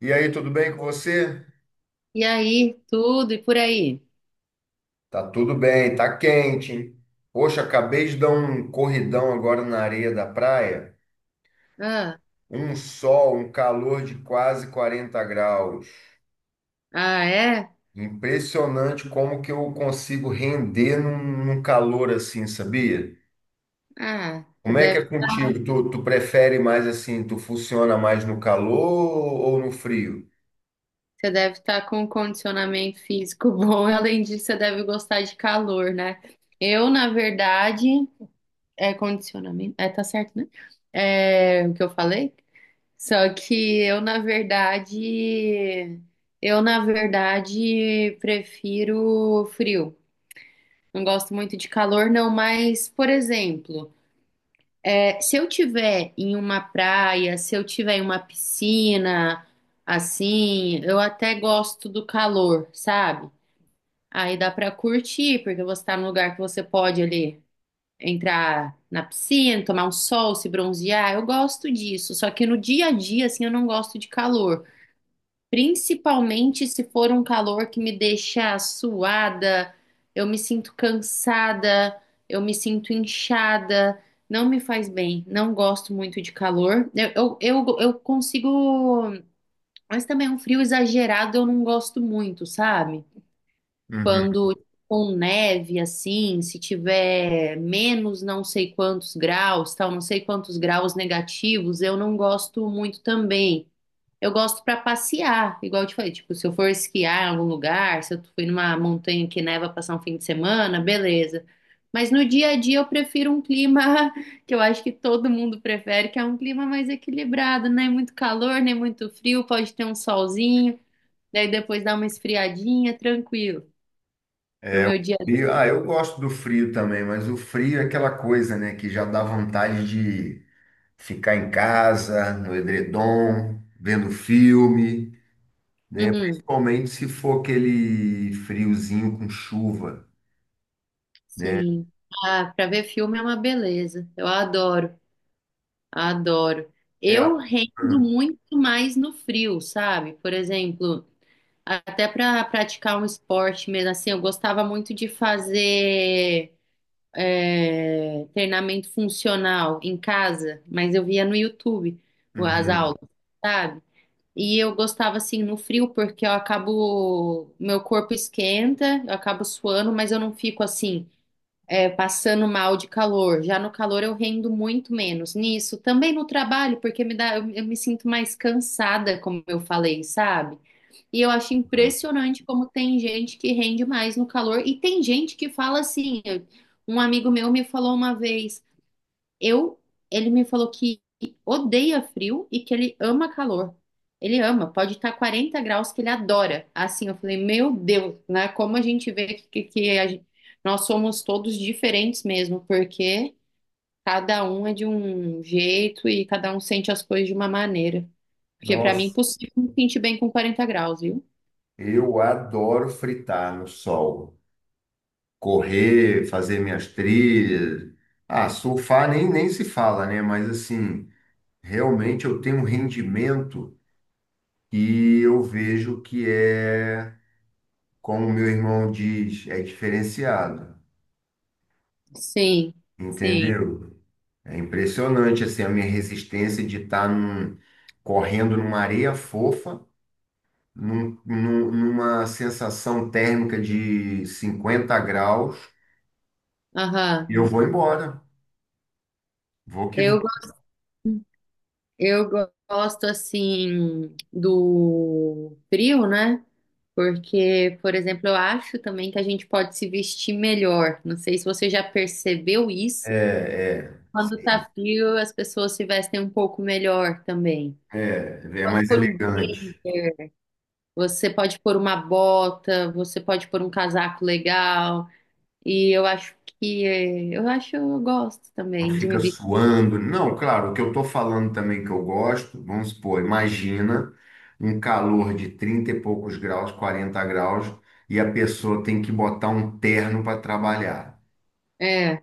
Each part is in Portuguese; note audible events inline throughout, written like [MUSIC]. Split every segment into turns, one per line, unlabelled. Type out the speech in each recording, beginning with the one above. E aí, tudo bem com você?
E aí, tudo e por aí?
Tá tudo bem, tá quente, hein? Poxa, acabei de dar um corridão agora na areia da praia.
Ah,
Um sol, um calor de quase 40 graus.
ah, é?
Impressionante como que eu consigo render num calor assim, sabia?
Ah, você
Como é que é
deve,
contigo? Tu prefere mais assim, tu funciona mais no calor ou no frio?
Você deve estar com um condicionamento físico [LAUGHS] bom. Além disso, você deve gostar de calor, né? Eu, na verdade, é condicionamento. É, tá certo, né? É o que eu falei? Só que eu, na verdade, prefiro frio. Não gosto muito de calor, não, mas, por exemplo. Se eu tiver em uma praia, se eu tiver em uma piscina, assim, eu até gosto do calor, sabe? Aí dá pra curtir, porque você tá num lugar que você pode ali entrar na piscina, tomar um sol, se bronzear. Eu gosto disso, só que no dia a dia, assim, eu não gosto de calor. Principalmente se for um calor que me deixa suada, eu me sinto cansada, eu me sinto inchada, não me faz bem, não gosto muito de calor. Eu consigo, mas também é um frio exagerado eu não gosto muito, sabe?
Uhum.
Quando com neve assim, se tiver menos não sei quantos graus, tal, não sei quantos graus negativos, eu não gosto muito também. Eu gosto pra passear, igual eu te falei, tipo, se eu for esquiar em algum lugar, se eu fui numa montanha que neva passar um fim de semana, beleza. Mas no dia a dia eu prefiro um clima [LAUGHS] que eu acho que todo mundo prefere, que é um clima mais equilibrado, nem muito calor, nem muito frio, pode ter um solzinho, daí depois dá uma esfriadinha, tranquilo. Pro
É, o
meu dia.
frio. Ah, eu gosto do frio também, mas o frio é aquela coisa, né, que já dá vontade de ficar em casa, no edredom, vendo filme, né?
Uhum,
Principalmente se for aquele friozinho com chuva, né?
sim. Ah, pra ver filme é uma beleza. Eu adoro. Adoro.
É.
Eu rendo
hum,
muito mais no frio, sabe? Por exemplo, até para praticar um esporte mesmo assim, eu gostava muito de fazer treinamento funcional em casa, mas eu via no YouTube as
uhum,
aulas, sabe? E eu gostava assim no frio porque eu acabo, meu corpo esquenta, eu acabo suando, mas eu não fico assim passando mal de calor. Já no calor eu rendo muito menos nisso. Também no trabalho, porque me dá, eu me sinto mais cansada, como eu falei, sabe? E eu acho
uhum.
impressionante como tem gente que rende mais no calor e tem gente que fala assim. Um amigo meu me falou uma vez. Eu, ele me falou que odeia frio e que ele ama calor. Ele ama, pode estar 40 graus que ele adora. Assim, eu falei, meu Deus, né? Como a gente vê que- a gen- nós somos todos diferentes mesmo, porque cada um é de um jeito e cada um sente as coisas de uma maneira. Porque para mim é
Nossa,
impossível me sentir bem com 40 graus, viu?
eu adoro fritar no sol, correr, fazer minhas trilhas. Ah, surfar nem se fala, né? Mas assim, realmente eu tenho um rendimento e eu vejo que é, como meu irmão diz, é diferenciado,
Sim, sim.
entendeu? É impressionante assim a minha resistência de estar correndo numa areia fofa, numa sensação térmica de 50 graus, e eu
Aham.
vou embora. Vou que vou.
Eu eu gosto assim do frio, né? Porque, por exemplo, eu acho também que a gente pode se vestir melhor. Não sei se você já percebeu isso.
É, é,
Quando tá frio, as pessoas se vestem um pouco melhor também.
é,
Pode
mais
pôr um
elegante.
blazer, você pode pôr uma bota, você pode pôr um casaco legal. E eu acho que eu gosto
Não
também de me
fica
vestir.
suando. Não, claro, o que eu estou falando também que eu gosto, vamos supor, imagina um calor de 30 e poucos graus, 40 graus, e a pessoa tem que botar um terno para trabalhar.
É,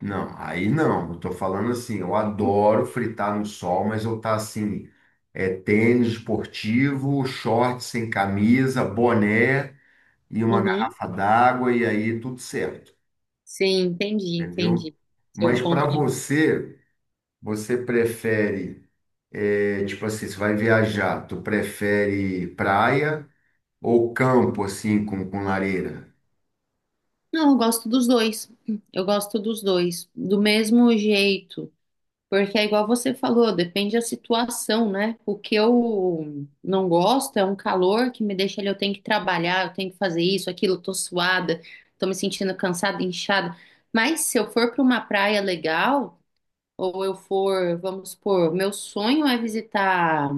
Não, aí não. Eu tô falando assim, eu adoro fritar no sol, mas eu tá assim, é tênis esportivo, short sem camisa, boné e uma
uhum.
garrafa d'água e aí tudo certo,
Sim, entendi,
entendeu?
entendi.
Mas
Seu ponto
para
de.
você, você prefere, é, tipo assim, você vai viajar, tu prefere praia ou campo assim com lareira?
Não, eu gosto dos dois. Eu gosto dos dois. Do mesmo jeito. Porque é igual você falou, depende da situação, né? O que eu não gosto é um calor que me deixa ali, eu tenho que trabalhar, eu tenho que fazer isso, aquilo, eu tô suada, tô me sentindo cansada, inchada. Mas se eu for para uma praia legal, ou eu for, vamos supor, meu sonho é visitar,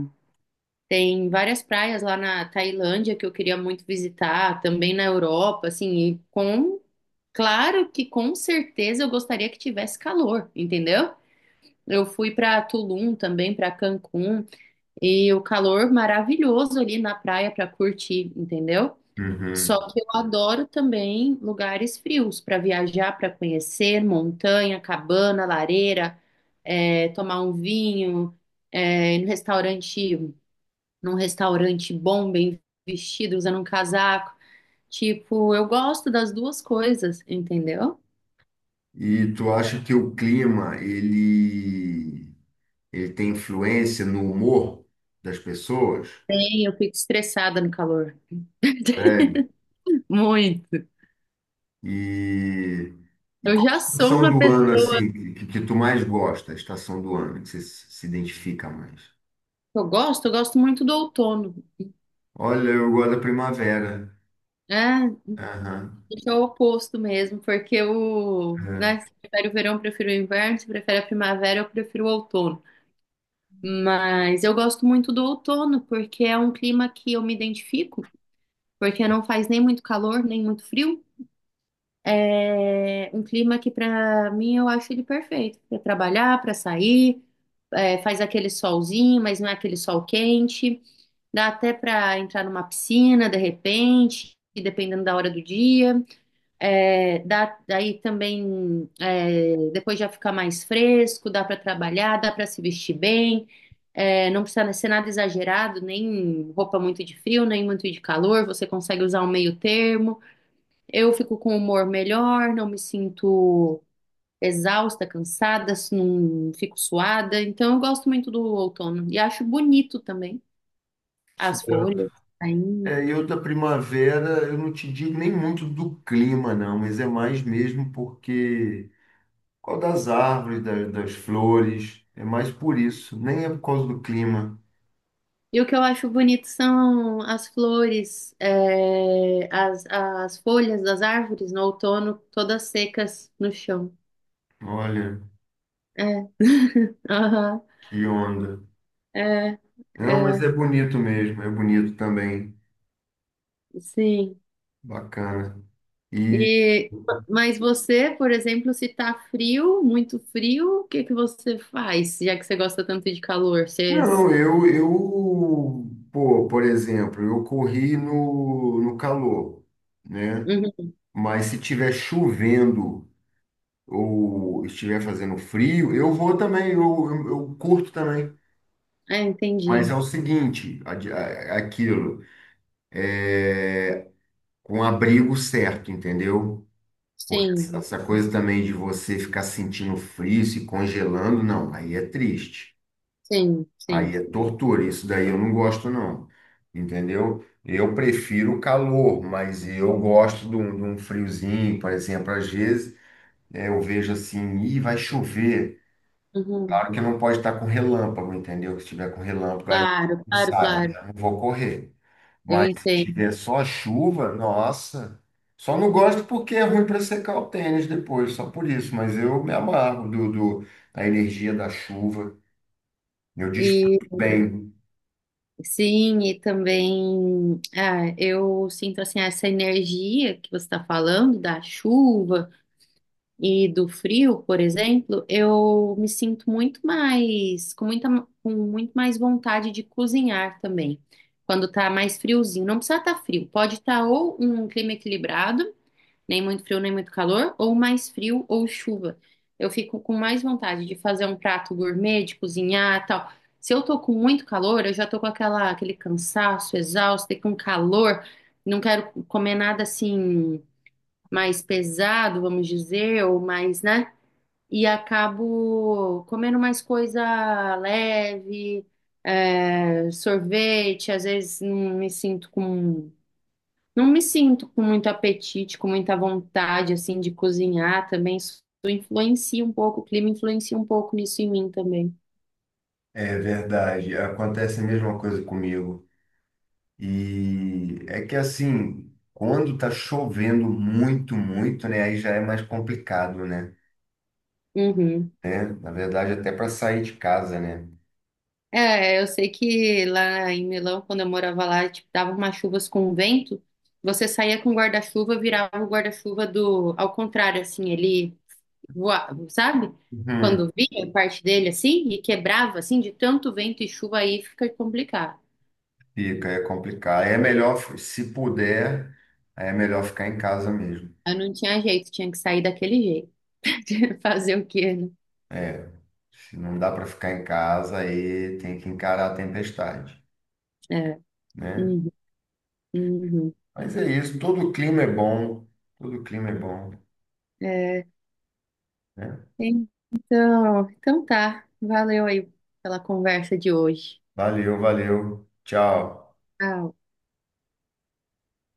tem várias praias lá na Tailândia que eu queria muito visitar, também na Europa, assim, claro que com certeza eu gostaria que tivesse calor, entendeu? Eu fui para Tulum também, para Cancún, e o calor maravilhoso ali na praia para curtir, entendeu? Só
Uhum.
que eu adoro também lugares frios para viajar, para conhecer montanha, cabana, lareira, tomar um vinho, ir no restaurante, num restaurante bom, bem vestido, usando um casaco. Tipo, eu gosto das duas coisas, entendeu?
E tu acha que o clima, ele tem influência no humor das pessoas.
Bem, eu fico estressada no calor.
Né?
[LAUGHS] Muito.
E, e
Eu
qual a
já sou
estação
uma
do
pessoa
ano assim que tu mais gosta, a estação do ano que você se identifica mais?
Eu gosto muito do outono.
Olha, eu gosto da primavera.
É,
Aham.
isso é o oposto mesmo, porque o,
É.
né, se prefere o verão, eu prefiro o inverno, se prefere a primavera, eu prefiro o outono. Mas eu gosto muito do outono, porque é um clima que eu me identifico, porque não faz nem muito calor, nem muito frio. É um clima que para mim eu acho ele perfeito para trabalhar, para sair, faz aquele solzinho, mas não é aquele sol quente. Dá até para entrar numa piscina de repente, dependendo da hora do dia. Daí também depois já fica mais fresco, dá para trabalhar, dá para se vestir bem. É, não precisa ser nada exagerado, nem roupa muito de frio, nem muito de calor. Você consegue usar um meio termo. Eu fico com humor melhor, não me sinto exausta, cansada, não fico suada. Então eu gosto muito do outono e acho bonito também
Sim.
as folhas. Aí
É, eu da primavera, eu não te digo nem muito do clima, não, mas é mais mesmo porque qual das árvores, das flores, é mais por isso, nem é por causa do clima.
E o que eu acho bonito são as flores, é, as folhas das árvores no outono, todas secas no chão.
Olha,
É, [LAUGHS] aham,
que onda.
é,
Não, mas
é,
é bonito mesmo, é bonito também.
sim.
Bacana. E
E, mas você, por exemplo, se tá frio, muito frio, o que que você faz, já que você gosta tanto de calor? Você...
não, pô, por exemplo, eu corri no calor, né?
Uhum,
Mas se tiver chovendo ou estiver fazendo frio, eu vou também, eu curto também.
é,
Mas
entendi.
é o seguinte, aquilo, com abrigo certo, entendeu? Porque
Sim,
essa coisa também de você ficar sentindo frio, se congelando, não, aí é triste.
sim, sim,
Aí é
sim.
tortura, isso daí eu não gosto, não. Entendeu? Eu prefiro o calor, mas eu gosto de um friozinho, por exemplo. Às vezes é, eu vejo assim, ih, vai chover.
Uhum,
Claro que não pode estar com relâmpago, entendeu? Que se tiver com relâmpago, aí
claro,
eu
claro,
saio, aí
claro.
eu não vou correr.
Eu
Mas se
entendo.
tiver só chuva, nossa. Só não gosto porque é ruim para secar o tênis depois, só por isso. Mas eu me amarro da energia da chuva. Eu
e
desfruto bem.
Sim, e também ah, eu sinto assim essa energia que você está falando da chuva e do frio, por exemplo, eu me sinto muito mais com muito mais vontade de cozinhar também. Quando tá mais friozinho, não precisa estar frio, pode estar ou um clima equilibrado nem muito frio, nem muito calor, ou mais frio ou chuva. Eu fico com mais vontade de fazer um prato gourmet, de cozinhar, tal. Se eu tô com muito calor, eu já tô com aquela, aquele cansaço, exausto, e com calor, não quero comer nada assim mais pesado, vamos dizer, ou mais, né? E acabo comendo mais coisa leve, é, sorvete, às vezes não me sinto com muito apetite, com muita vontade, assim, de cozinhar também. Isso influencia um pouco, o clima influencia um pouco nisso em mim também.
É verdade, acontece a mesma coisa comigo. E é que assim, quando tá chovendo muito, né, aí já é mais complicado, né?
Uhum.
Né? Na verdade, até para sair de casa, né?
É, eu sei que lá em Milão, quando eu morava lá, tipo, dava umas chuvas com vento, você saía com o guarda-chuva, virava o guarda-chuva do, ao contrário, assim, ele voava, sabe?
Uhum.
Quando vinha parte dele, assim, e quebrava, assim, de tanto vento e chuva aí, fica complicado.
Fica, é complicado. Aí é melhor, se puder, aí é melhor ficar em casa mesmo.
Eu não tinha jeito, tinha que sair daquele jeito. [LAUGHS] Fazer o quê, né?
É, se não dá para ficar em casa, aí tem que encarar a tempestade,
É.
né?
Uhum, uhum.
Mas é isso, todo clima é bom,
É,
né?
então, então tá. Valeu aí pela conversa de hoje.
Valeu, valeu. Tchau.
Tchau.